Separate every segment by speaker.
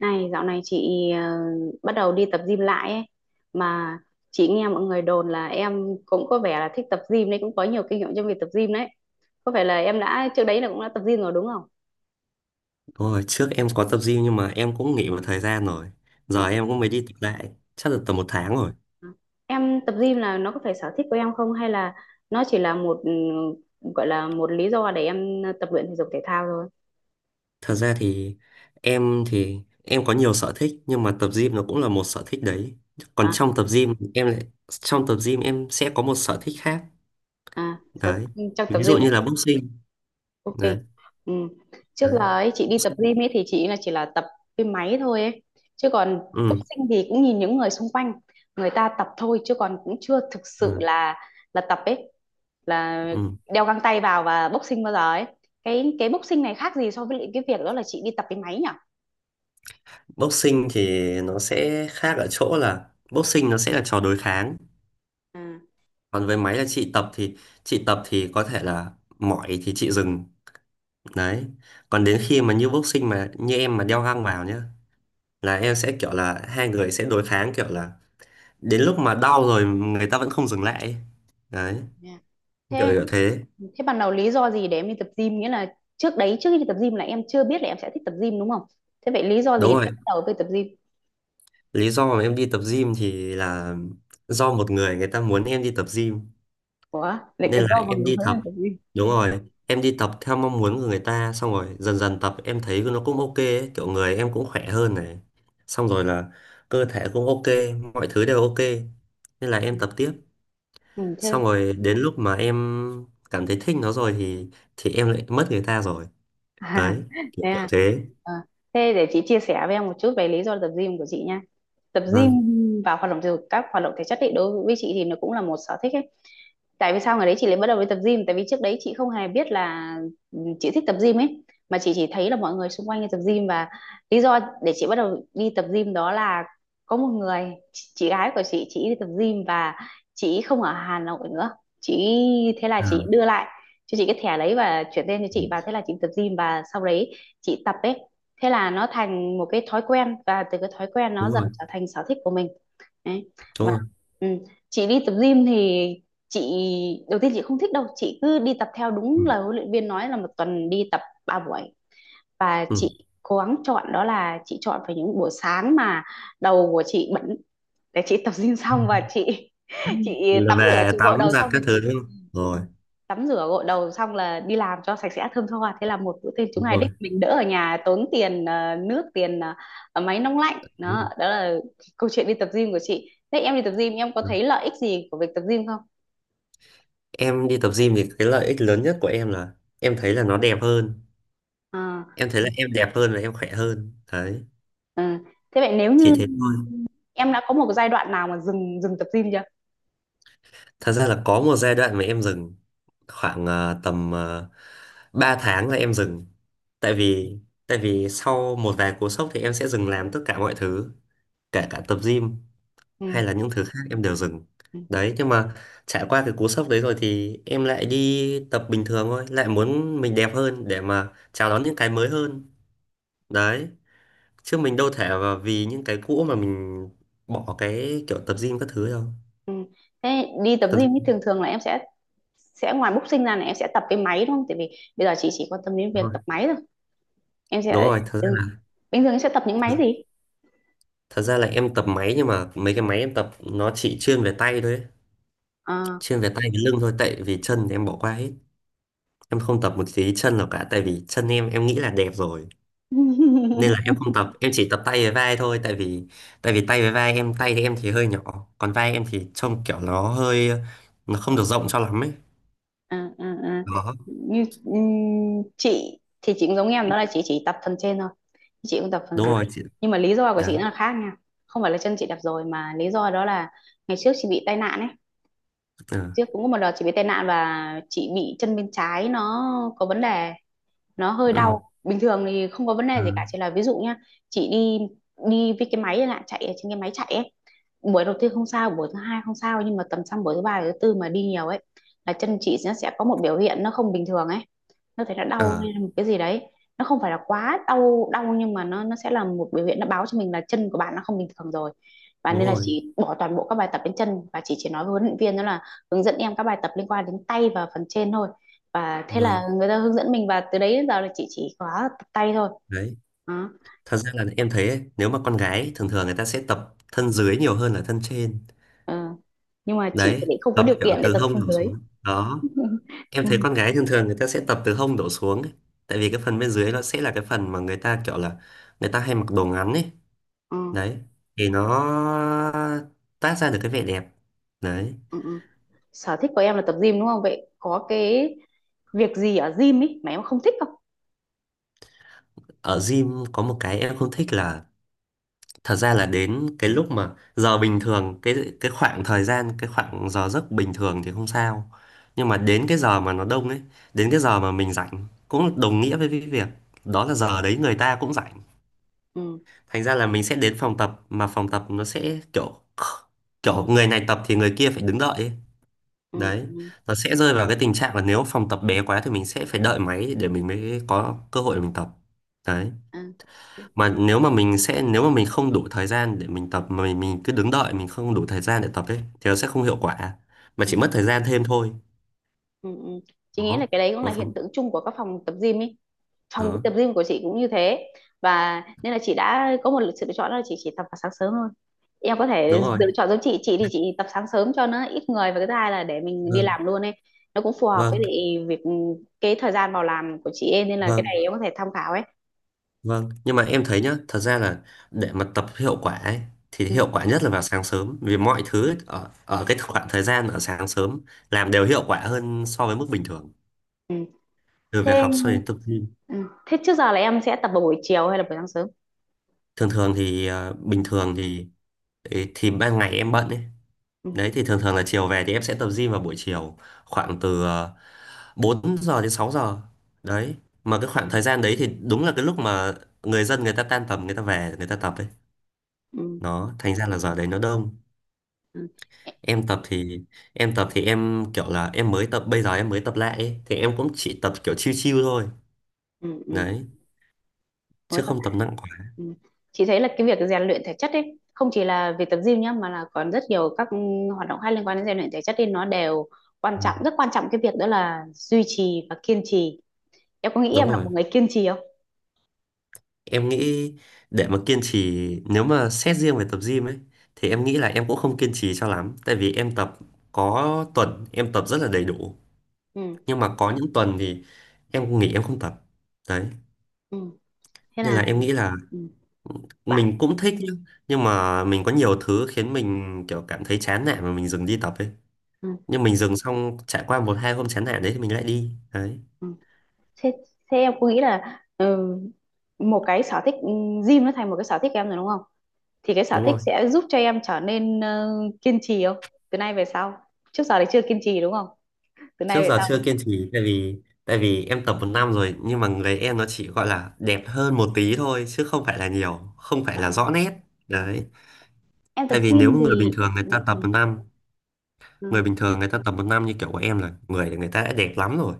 Speaker 1: Này, dạo này chị bắt đầu đi tập gym lại ấy. Mà chị nghe mọi người đồn là em cũng có vẻ là thích tập gym đấy, cũng có nhiều kinh nghiệm trong việc tập gym đấy. Có phải là em đã trước đấy là cũng đã tập gym rồi đúng không?
Speaker 2: Đúng rồi, trước em có tập gym nhưng mà em cũng nghỉ một thời gian rồi.
Speaker 1: Ờ,
Speaker 2: Giờ em cũng mới đi tập lại, chắc là tầm một tháng rồi.
Speaker 1: ờ. Em tập gym là nó có phải sở thích của em không hay là nó chỉ là một gọi là một lý do để em tập luyện thể dục thể thao thôi?
Speaker 2: Thật ra thì em có nhiều sở thích nhưng mà tập gym nó cũng là một sở thích đấy. Còn
Speaker 1: À,
Speaker 2: trong tập gym em sẽ có một sở thích khác.
Speaker 1: à,
Speaker 2: Đấy.
Speaker 1: trong tập
Speaker 2: Ví dụ
Speaker 1: gym.
Speaker 2: như là boxing.
Speaker 1: Ok.
Speaker 2: Đấy,
Speaker 1: Ừ. Trước là
Speaker 2: đấy.
Speaker 1: ấy, chị đi tập
Speaker 2: Boxing.
Speaker 1: gym ấy thì chị là chỉ là tập cái máy thôi ấy. Chứ còn
Speaker 2: Ừ,
Speaker 1: boxing thì cũng nhìn những người xung quanh người ta tập thôi, chứ còn cũng chưa thực sự
Speaker 2: ừ,
Speaker 1: là tập ấy, là
Speaker 2: ừ.
Speaker 1: đeo găng tay vào và boxing bao giờ ấy. Cái boxing này khác gì so với lại cái việc đó là chị đi tập cái máy nhỉ?
Speaker 2: Boxing thì nó sẽ khác ở chỗ là boxing nó sẽ là trò đối kháng.
Speaker 1: À.
Speaker 2: Còn với máy là chị tập thì có thể là mỏi thì chị dừng. Đấy. Còn
Speaker 1: Ừ,
Speaker 2: đến khi mà như boxing mà như em mà đeo găng vào nhá, là em sẽ kiểu là hai người sẽ đối kháng kiểu là đến lúc mà đau rồi người ta vẫn không dừng lại ấy.
Speaker 1: ừ,
Speaker 2: Đấy,
Speaker 1: nha.
Speaker 2: kiểu
Speaker 1: Thế
Speaker 2: kiểu thế.
Speaker 1: thế ban đầu lý do gì để em đi tập gym, nghĩa là trước đấy trước khi đi tập gym là em chưa biết là em sẽ thích tập gym đúng không? Thế vậy lý do gì
Speaker 2: Đúng
Speaker 1: để
Speaker 2: rồi.
Speaker 1: em bắt đầu với tập gym?
Speaker 2: Lý do mà em đi tập gym thì là do một người người ta muốn em đi tập gym
Speaker 1: Ủa, lại
Speaker 2: nên
Speaker 1: cái
Speaker 2: là
Speaker 1: rau mà
Speaker 2: em
Speaker 1: người
Speaker 2: đi
Speaker 1: Huế là
Speaker 2: tập.
Speaker 1: cái gì?
Speaker 2: Đúng rồi. Em đi tập theo mong muốn của người ta xong rồi dần dần tập em thấy nó cũng ok ấy. Kiểu người em cũng khỏe hơn này. Xong rồi là cơ thể cũng ok, mọi thứ đều ok. Nên là em tập tiếp.
Speaker 1: Ừ, chứ.
Speaker 2: Xong rồi đến lúc mà em cảm thấy thích nó rồi thì em lại mất người ta rồi,
Speaker 1: À,
Speaker 2: đấy kiểu
Speaker 1: thế
Speaker 2: kiểu
Speaker 1: à.
Speaker 2: thế.
Speaker 1: Ờ, thế để chị chia sẻ với em một chút về lý do tập gym của chị nha. Tập gym
Speaker 2: Vâng,
Speaker 1: và hoạt động thể dục, các hoạt động thể chất ấy, đối với chị thì nó cũng là một sở thích ấy. Tại vì sao ngày đấy chị lại bắt đầu đi tập gym, tại vì trước đấy chị không hề biết là chị thích tập gym ấy, mà chị chỉ thấy là mọi người xung quanh đi tập gym và lý do để chị bắt đầu đi tập gym đó là có một người chị gái của chị đi tập gym và chị không ở Hà Nội nữa, chị thế là
Speaker 2: à,
Speaker 1: chị đưa lại cho chị cái thẻ đấy và chuyển tên cho chị, và
Speaker 2: ừ.
Speaker 1: thế là chị tập gym và sau đấy chị tập ấy, thế là nó thành một cái thói quen và từ cái thói quen nó
Speaker 2: Đúng
Speaker 1: dần
Speaker 2: rồi,
Speaker 1: trở thành sở thích của mình. Đấy.
Speaker 2: đúng
Speaker 1: Và
Speaker 2: rồi,
Speaker 1: ừ. Chị đi tập gym thì chị đầu tiên chị không thích đâu, chị cứ đi tập theo
Speaker 2: ừ.
Speaker 1: đúng lời huấn luyện viên nói là một tuần đi tập 3 buổi, và
Speaker 2: Ừ.
Speaker 1: chị cố gắng chọn đó là chị chọn phải những buổi sáng mà đầu của chị bẩn, để chị tập gym xong và chị
Speaker 2: Là
Speaker 1: tắm rửa
Speaker 2: về
Speaker 1: chị gội
Speaker 2: tắm
Speaker 1: đầu
Speaker 2: giặt
Speaker 1: xong
Speaker 2: các
Speaker 1: rồi
Speaker 2: thứ
Speaker 1: chị
Speaker 2: đúng không
Speaker 1: ừ,
Speaker 2: rồi,
Speaker 1: tắm rửa gội đầu xong là đi làm cho sạch sẽ thơm tho, thế là một bữa tiệc chúng
Speaker 2: đúng
Speaker 1: ngày
Speaker 2: rồi,
Speaker 1: đích mình đỡ ở nhà tốn tiền nước tiền máy nóng lạnh.
Speaker 2: đúng rồi.
Speaker 1: Đó đó là câu chuyện đi tập gym của chị. Thế em đi tập gym em có
Speaker 2: Ừ.
Speaker 1: thấy lợi ích gì của việc tập gym không?
Speaker 2: Em đi tập gym thì cái lợi ích lớn nhất của em là em thấy là nó đẹp hơn,
Speaker 1: À,
Speaker 2: em thấy là em đẹp hơn và em khỏe hơn đấy,
Speaker 1: ừ. Thế vậy nếu
Speaker 2: chỉ
Speaker 1: như
Speaker 2: thế thôi.
Speaker 1: em đã có một cái giai đoạn nào mà dừng dừng tập gym chưa?
Speaker 2: Thật ra là có một giai đoạn mà em dừng khoảng tầm 3 tháng là em dừng. Tại vì tại vì sau một vài cú sốc thì em sẽ dừng làm tất cả mọi thứ, kể cả tập gym hay
Speaker 1: Ừ.
Speaker 2: là những thứ khác em đều dừng.
Speaker 1: Ừ.
Speaker 2: Đấy, nhưng mà trải qua cái cú sốc đấy rồi thì em lại đi tập bình thường thôi, lại muốn mình đẹp hơn để mà chào đón những cái mới hơn. Đấy, chứ mình đâu thể mà vì những cái cũ mà mình bỏ cái kiểu tập gym các thứ đâu.
Speaker 1: Ừ. Thế đi tập
Speaker 2: Tập
Speaker 1: gym thì
Speaker 2: gym
Speaker 1: thường thường là em sẽ ngoài boxing ra là em sẽ tập cái máy đúng không, tại vì bây giờ chị chỉ quan tâm đến việc
Speaker 2: thôi.
Speaker 1: tập máy thôi, em
Speaker 2: Đúng
Speaker 1: sẽ
Speaker 2: rồi,
Speaker 1: ừ. bình thường em sẽ tập những máy
Speaker 2: ra
Speaker 1: gì?
Speaker 2: Thật ra là em tập máy nhưng mà mấy cái máy em tập nó chỉ chuyên về tay thôi ấy.
Speaker 1: Ờ.
Speaker 2: Chuyên về tay với lưng thôi tại vì chân thì em bỏ qua hết. Em không tập một tí chân nào cả tại vì chân em nghĩ là đẹp rồi. Nên là em không tập, em chỉ tập tay với vai thôi tại vì tay với vai em, tay thì em thì hơi nhỏ, còn vai em thì trông kiểu nó không được rộng cho lắm ấy.
Speaker 1: À, à, à.
Speaker 2: Đó,
Speaker 1: Như chị thì chị cũng giống em đó là chị chỉ tập phần trên thôi, chị cũng tập phần
Speaker 2: đúng
Speaker 1: dưới,
Speaker 2: rồi chị.
Speaker 1: nhưng mà lý do của
Speaker 2: Đấy.
Speaker 1: chị nó là khác nha, không phải là chân chị đập rồi mà lý do đó là ngày trước chị bị tai nạn ấy,
Speaker 2: Ờ.
Speaker 1: trước cũng có một đợt chị bị tai nạn và chị bị chân bên trái nó có vấn đề, nó hơi
Speaker 2: Ờ.
Speaker 1: đau, bình thường thì không có vấn
Speaker 2: Ờ.
Speaker 1: đề gì cả, chỉ là ví dụ nhá, chị đi đi với cái máy là chạy ở trên cái máy chạy ấy, buổi đầu tiên không sao, buổi thứ hai không sao, nhưng mà tầm sang buổi thứ ba thứ tư mà đi nhiều ấy là chân chị nó sẽ có một biểu hiện nó không bình thường ấy, nó thấy nó đau
Speaker 2: Ờ.
Speaker 1: hay là một cái gì đấy, nó không phải là quá đau đau, nhưng mà nó sẽ là một biểu hiện nó báo cho mình là chân của bạn nó không bình thường rồi, và
Speaker 2: Đúng
Speaker 1: nên là
Speaker 2: rồi.
Speaker 1: chị bỏ toàn bộ các bài tập đến chân, và chị chỉ nói với huấn luyện viên đó là hướng dẫn em các bài tập liên quan đến tay và phần trên thôi, và thế
Speaker 2: Vâng.
Speaker 1: là người ta hướng dẫn mình và từ đấy đến giờ là chị chỉ có tập tay thôi
Speaker 2: Đấy.
Speaker 1: đó.
Speaker 2: Thật ra là em thấy ấy, nếu mà con gái thường thường người ta sẽ tập thân dưới nhiều hơn là thân trên,
Speaker 1: Ừ. Nhưng mà chị thì
Speaker 2: đấy
Speaker 1: lại không có
Speaker 2: tập
Speaker 1: điều
Speaker 2: kiểu
Speaker 1: kiện để
Speaker 2: từ
Speaker 1: tập
Speaker 2: hông
Speaker 1: thân
Speaker 2: đổ
Speaker 1: dưới.
Speaker 2: xuống đó. Em
Speaker 1: Ừ.
Speaker 2: thấy con gái thường thường người ta sẽ tập từ hông đổ xuống ấy. Tại vì cái phần bên dưới nó sẽ là cái phần mà người ta kiểu là người ta hay mặc đồ ngắn ấy,
Speaker 1: Ừ.
Speaker 2: đấy thì nó tác ra được cái vẻ đẹp đấy.
Speaker 1: Ừ. Ừ. Sở thích của em là tập gym đúng không, vậy có cái việc gì ở gym ấy mà em không thích không?
Speaker 2: Ở gym có một cái em không thích là thật ra là đến cái lúc mà giờ bình thường, cái khoảng thời gian, cái khoảng giờ giấc bình thường thì không sao, nhưng mà đến cái giờ mà nó đông ấy, đến cái giờ mà mình rảnh cũng đồng nghĩa với cái việc đó là giờ đấy người ta cũng rảnh.
Speaker 1: Ừ.
Speaker 2: Thành ra là mình sẽ đến phòng tập mà phòng tập nó sẽ kiểu kiểu người này tập thì người kia phải đứng đợi ấy.
Speaker 1: Ừ,
Speaker 2: Đấy,
Speaker 1: ừ,
Speaker 2: nó sẽ rơi vào cái tình trạng là nếu phòng tập bé quá thì mình sẽ phải đợi máy để mình mới có cơ hội để mình tập. Đấy,
Speaker 1: à, ừ,
Speaker 2: mà nếu mà mình không đủ thời gian để mình tập mà mình cứ đứng đợi, mình không đủ thời gian để tập ấy thì nó sẽ không hiệu quả, mà
Speaker 1: ừ,
Speaker 2: chỉ mất thời gian thêm thôi.
Speaker 1: ừ. Ừ. Chị nghĩ
Speaker 2: Đó.
Speaker 1: là cái đấy cũng là
Speaker 2: Vâng.
Speaker 1: hiện tượng chung của các phòng tập gym ấy, phòng
Speaker 2: Đó,
Speaker 1: tập gym của chị cũng như thế, và nên là chị đã có một sự lựa chọn đó là chị chỉ tập vào sáng sớm thôi, em có thể
Speaker 2: đúng rồi.
Speaker 1: lựa chọn giống chị thì chị tập sáng sớm cho nó ít người và cái thứ hai là để mình đi
Speaker 2: Vâng,
Speaker 1: làm luôn ấy, nó cũng phù hợp với
Speaker 2: vâng,
Speaker 1: lại việc cái thời gian vào làm của chị ấy, nên là cái
Speaker 2: vâng.
Speaker 1: này em có thể tham khảo ấy.
Speaker 2: Vâng, nhưng mà em thấy nhá, thật ra là để mà tập hiệu quả ấy thì
Speaker 1: Ừ,
Speaker 2: hiệu quả nhất là vào sáng sớm vì mọi thứ ấy, ở ở cái khoảng thời gian ở sáng sớm làm đều hiệu quả hơn so với mức bình thường,
Speaker 1: ừ.
Speaker 2: từ
Speaker 1: Thế
Speaker 2: việc học cho đến tập gym.
Speaker 1: ừ. Thế trước giờ là em sẽ tập vào buổi chiều hay là buổi sáng sớm?
Speaker 2: Thường thường thì bình thường thì ấy, thì ban ngày em bận ấy,
Speaker 1: Ừ,
Speaker 2: đấy thì thường thường là chiều về thì em sẽ tập gym vào buổi chiều, khoảng từ 4 giờ đến 6 giờ đấy. Mà cái khoảng thời gian đấy thì đúng là cái lúc mà người dân người ta tan tầm, người ta về người ta tập ấy,
Speaker 1: ừ,
Speaker 2: nó thành ra là giờ đấy nó đông.
Speaker 1: ừ.
Speaker 2: Em tập thì em kiểu là em mới tập bây giờ, em mới tập lại ấy, thì em cũng chỉ tập kiểu chill chill thôi,
Speaker 1: Ừ,
Speaker 2: đấy,
Speaker 1: ừ.
Speaker 2: chứ không tập nặng quá.
Speaker 1: Ừ. Chị thấy là cái việc rèn luyện thể chất ấy không chỉ là việc tập gym nhá, mà là còn rất nhiều các hoạt động hay liên quan đến rèn luyện thể chất thì nó đều quan
Speaker 2: Ừ.
Speaker 1: trọng, rất quan trọng cái việc đó là duy trì và kiên trì. Em có nghĩ
Speaker 2: Đúng
Speaker 1: em là
Speaker 2: rồi,
Speaker 1: một người kiên trì không?
Speaker 2: em nghĩ để mà kiên trì nếu mà xét riêng về tập gym ấy thì em nghĩ là em cũng không kiên trì cho lắm, tại vì em tập có tuần em tập rất là đầy đủ,
Speaker 1: Ừ.
Speaker 2: nhưng mà có những tuần thì em nghỉ, em không tập đấy.
Speaker 1: Ừ. Thế
Speaker 2: Nên là
Speaker 1: là
Speaker 2: em nghĩ là
Speaker 1: ừ, bạn
Speaker 2: mình cũng thích nhá, nhưng mà mình có nhiều thứ khiến mình kiểu cảm thấy chán nản mà mình dừng đi tập ấy,
Speaker 1: ừ,
Speaker 2: nhưng mình dừng xong trải qua một hai hôm chán nản đấy thì mình lại đi đấy.
Speaker 1: ừ. Thế, thế em có nghĩ là một cái sở thích, gym nó thành một cái sở thích em rồi đúng không, thì cái sở
Speaker 2: Đúng
Speaker 1: thích
Speaker 2: rồi.
Speaker 1: sẽ giúp cho em trở nên kiên trì không, từ nay về sau? Trước giờ thì chưa kiên trì đúng không, từ
Speaker 2: Trước
Speaker 1: nay về
Speaker 2: giờ chưa
Speaker 1: sau?
Speaker 2: kiên trì, tại vì em tập một năm rồi nhưng mà người em nó chỉ gọi là đẹp hơn một tí thôi chứ không phải là nhiều, không phải là
Speaker 1: À,
Speaker 2: rõ nét
Speaker 1: à.
Speaker 2: đấy.
Speaker 1: Em tập
Speaker 2: Tại vì nếu
Speaker 1: gym
Speaker 2: người bình
Speaker 1: thì
Speaker 2: thường người ta tập một năm, người
Speaker 1: ừ,
Speaker 2: bình thường người ta tập một năm như kiểu của em là người người ta đã đẹp lắm rồi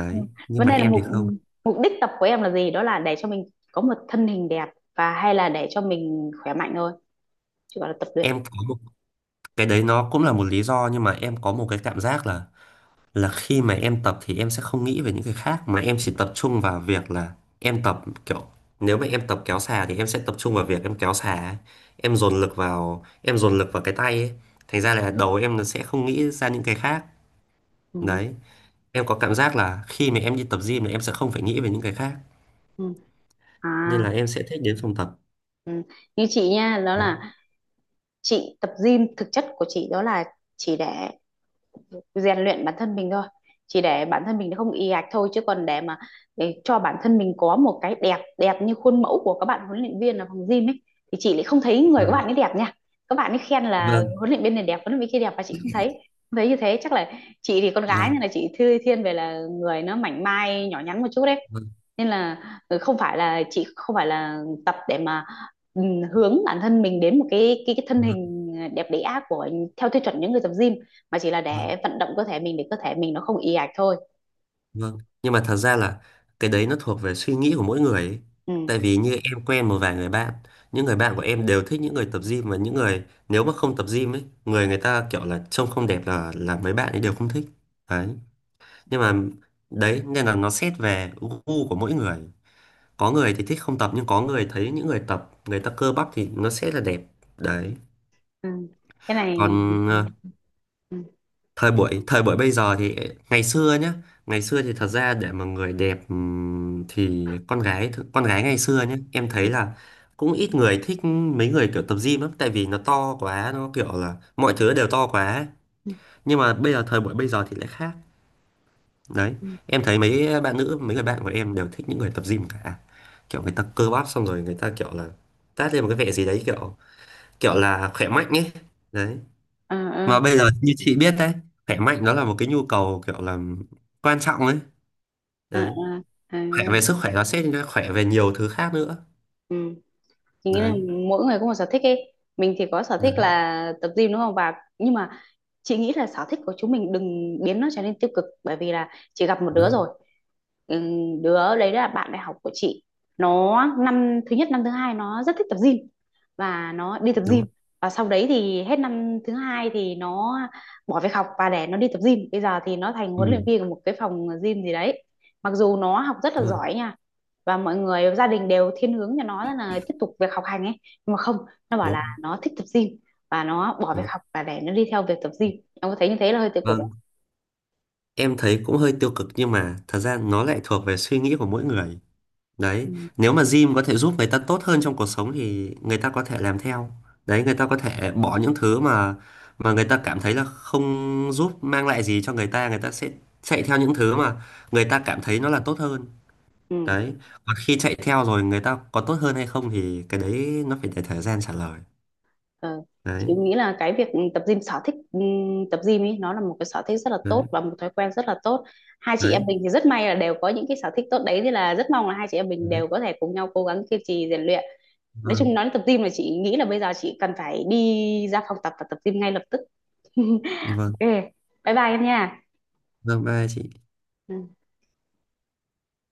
Speaker 1: ừ.
Speaker 2: nhưng
Speaker 1: Vấn
Speaker 2: mà
Speaker 1: đề là
Speaker 2: em
Speaker 1: mục
Speaker 2: thì không.
Speaker 1: mục đích tập của em là gì, đó là để cho mình có một thân hình đẹp và hay là để cho mình khỏe mạnh thôi, chứ gọi là tập luyện.
Speaker 2: Em có một cái đấy nó cũng là một lý do nhưng mà em có một cái cảm giác là khi mà em tập thì em sẽ không nghĩ về những cái khác, mà em chỉ tập trung vào việc là em tập kiểu nếu mà em tập kéo xà thì em sẽ tập trung vào việc em kéo xà ấy. Em dồn lực vào cái tay ấy. Thành ra là đầu em nó sẽ không nghĩ ra những cái khác
Speaker 1: Ừ,
Speaker 2: đấy, em có cảm giác là khi mà em đi tập gym là em sẽ không phải nghĩ về những cái khác,
Speaker 1: ừ. À
Speaker 2: nên là em sẽ thích đến phòng tập
Speaker 1: ừ. Như chị nha đó
Speaker 2: đấy.
Speaker 1: là chị tập gym thực chất của chị đó là chỉ để rèn luyện bản thân mình thôi, chỉ để bản thân mình không ì ạch thôi, chứ còn để mà để cho bản thân mình có một cái đẹp, đẹp như khuôn mẫu của các bạn huấn luyện viên ở phòng gym ấy thì chị lại không thấy người các
Speaker 2: Vâng.
Speaker 1: bạn ấy đẹp nha, các bạn ấy khen là
Speaker 2: Vâng.
Speaker 1: huấn luyện viên này đẹp huấn luyện viên kia đẹp và chị không thấy, không thấy như thế, chắc là chị thì con gái
Speaker 2: Vâng.
Speaker 1: nên là chị thư thiên về là người nó mảnh mai nhỏ nhắn một chút đấy.
Speaker 2: Vâng.
Speaker 1: Nên là không phải là chị, không phải là tập để mà ừ, hướng bản thân mình đến một cái thân
Speaker 2: Vâng.
Speaker 1: hình đẹp đẽ của theo tiêu chuẩn những người tập gym, mà chỉ là
Speaker 2: Vâng.
Speaker 1: để vận động cơ thể mình để cơ thể mình nó không ì ạch thôi.
Speaker 2: Vâng. Nhưng mà thật ra là cái đấy nó thuộc về suy nghĩ của mỗi người ấy.
Speaker 1: Ừ.
Speaker 2: Tại vì như em quen một vài người bạn, những người bạn của em đều thích những người tập gym và những người nếu mà không tập gym ấy, người người ta kiểu là trông không đẹp, là mấy bạn ấy đều không thích. Đấy. Nhưng mà đấy nên là nó xét về gu của mỗi người. Có người thì thích không tập nhưng có người thấy những người tập người ta cơ bắp thì nó sẽ là đẹp. Đấy.
Speaker 1: Ừ. Cái này
Speaker 2: Còn
Speaker 1: ừ. Ừ.
Speaker 2: thời buổi bây giờ thì ngày xưa nhá, ngày xưa thì thật ra để mà người đẹp thì con gái ngày xưa nhá em
Speaker 1: Ừ.
Speaker 2: thấy là cũng ít người thích mấy người kiểu tập gym lắm, tại vì nó to quá, nó kiểu là mọi thứ đều to quá ấy.
Speaker 1: Ừ.
Speaker 2: Nhưng mà bây giờ thời buổi bây giờ thì lại khác đấy,
Speaker 1: Ừ. Ừ.
Speaker 2: em thấy mấy bạn nữ mấy người bạn của em đều thích những người tập gym cả. Kiểu người ta cơ bắp xong rồi người ta kiểu là tát lên một cái vẻ gì đấy, kiểu kiểu là khỏe mạnh ấy đấy. Mà
Speaker 1: Ừ.
Speaker 2: bây giờ như chị biết đấy, khỏe mạnh nó là một cái nhu cầu kiểu là quan trọng ấy
Speaker 1: Ừ.
Speaker 2: đấy.
Speaker 1: Ừ. Cái
Speaker 2: Khỏe
Speaker 1: này.
Speaker 2: về sức khỏe nó sẽ khỏe về nhiều thứ khác nữa
Speaker 1: Ừ. Chị nghĩ là
Speaker 2: đấy.
Speaker 1: mỗi người có một sở thích ấy, mình thì có sở
Speaker 2: Đấy,
Speaker 1: thích là tập gym đúng không, và nhưng mà chị nghĩ là sở thích của chúng mình đừng biến nó trở nên tiêu cực, bởi vì là chị gặp một
Speaker 2: đúng
Speaker 1: đứa
Speaker 2: rồi,
Speaker 1: rồi. Đứa đấy là bạn đại học của chị, nó năm thứ nhất năm thứ hai nó rất thích tập gym và nó đi tập
Speaker 2: đúng
Speaker 1: gym
Speaker 2: rồi.
Speaker 1: và sau đấy thì hết năm thứ hai thì nó bỏ việc học và để nó đi tập gym, bây giờ thì nó thành huấn luyện
Speaker 2: Ừ,
Speaker 1: viên của một cái phòng gym gì đấy, mặc dù nó học rất là
Speaker 2: đúng rồi,
Speaker 1: giỏi nha và mọi người gia đình đều thiên hướng cho nó là tiếp tục việc học hành ấy, nhưng mà không, nó bảo là
Speaker 2: đúng,
Speaker 1: nó thích tập gym và nó bỏ việc
Speaker 2: đúng.
Speaker 1: học và để nó đi theo việc tập gym. Em có thấy như thế là hơi tiêu cực ạ?
Speaker 2: Vâng, em thấy cũng hơi tiêu cực nhưng mà thật ra nó lại thuộc về suy nghĩ của mỗi người đấy.
Speaker 1: Ừ.
Speaker 2: Nếu mà gym có thể giúp người ta tốt hơn trong cuộc sống thì người ta có thể làm theo đấy, người ta có thể bỏ những thứ mà người ta cảm thấy là không giúp mang lại gì cho người ta, người ta sẽ chạy theo những thứ mà người ta cảm thấy nó là tốt hơn
Speaker 1: Ừ.
Speaker 2: đấy. Còn khi chạy theo rồi người ta có tốt hơn hay không thì cái đấy nó phải để thời gian trả lời
Speaker 1: Ờ. Chị
Speaker 2: đấy.
Speaker 1: nghĩ là cái việc tập gym sở thích, tập gym ấy nó là một cái sở thích rất là
Speaker 2: Đấy,
Speaker 1: tốt và một thói quen rất là tốt. Hai chị em
Speaker 2: đấy,
Speaker 1: mình thì rất may là đều có những cái sở thích tốt đấy thì là rất mong là hai chị em mình
Speaker 2: đấy.
Speaker 1: đều có thể cùng nhau cố gắng kiên trì rèn luyện. Nói
Speaker 2: Vâng,
Speaker 1: chung nói đến tập gym là chị nghĩ là bây giờ chị cần phải đi ra phòng tập và tập gym ngay lập tức.
Speaker 2: vâng,
Speaker 1: Ok, bye bye em nha.
Speaker 2: vâng, bye chị
Speaker 1: Ừ.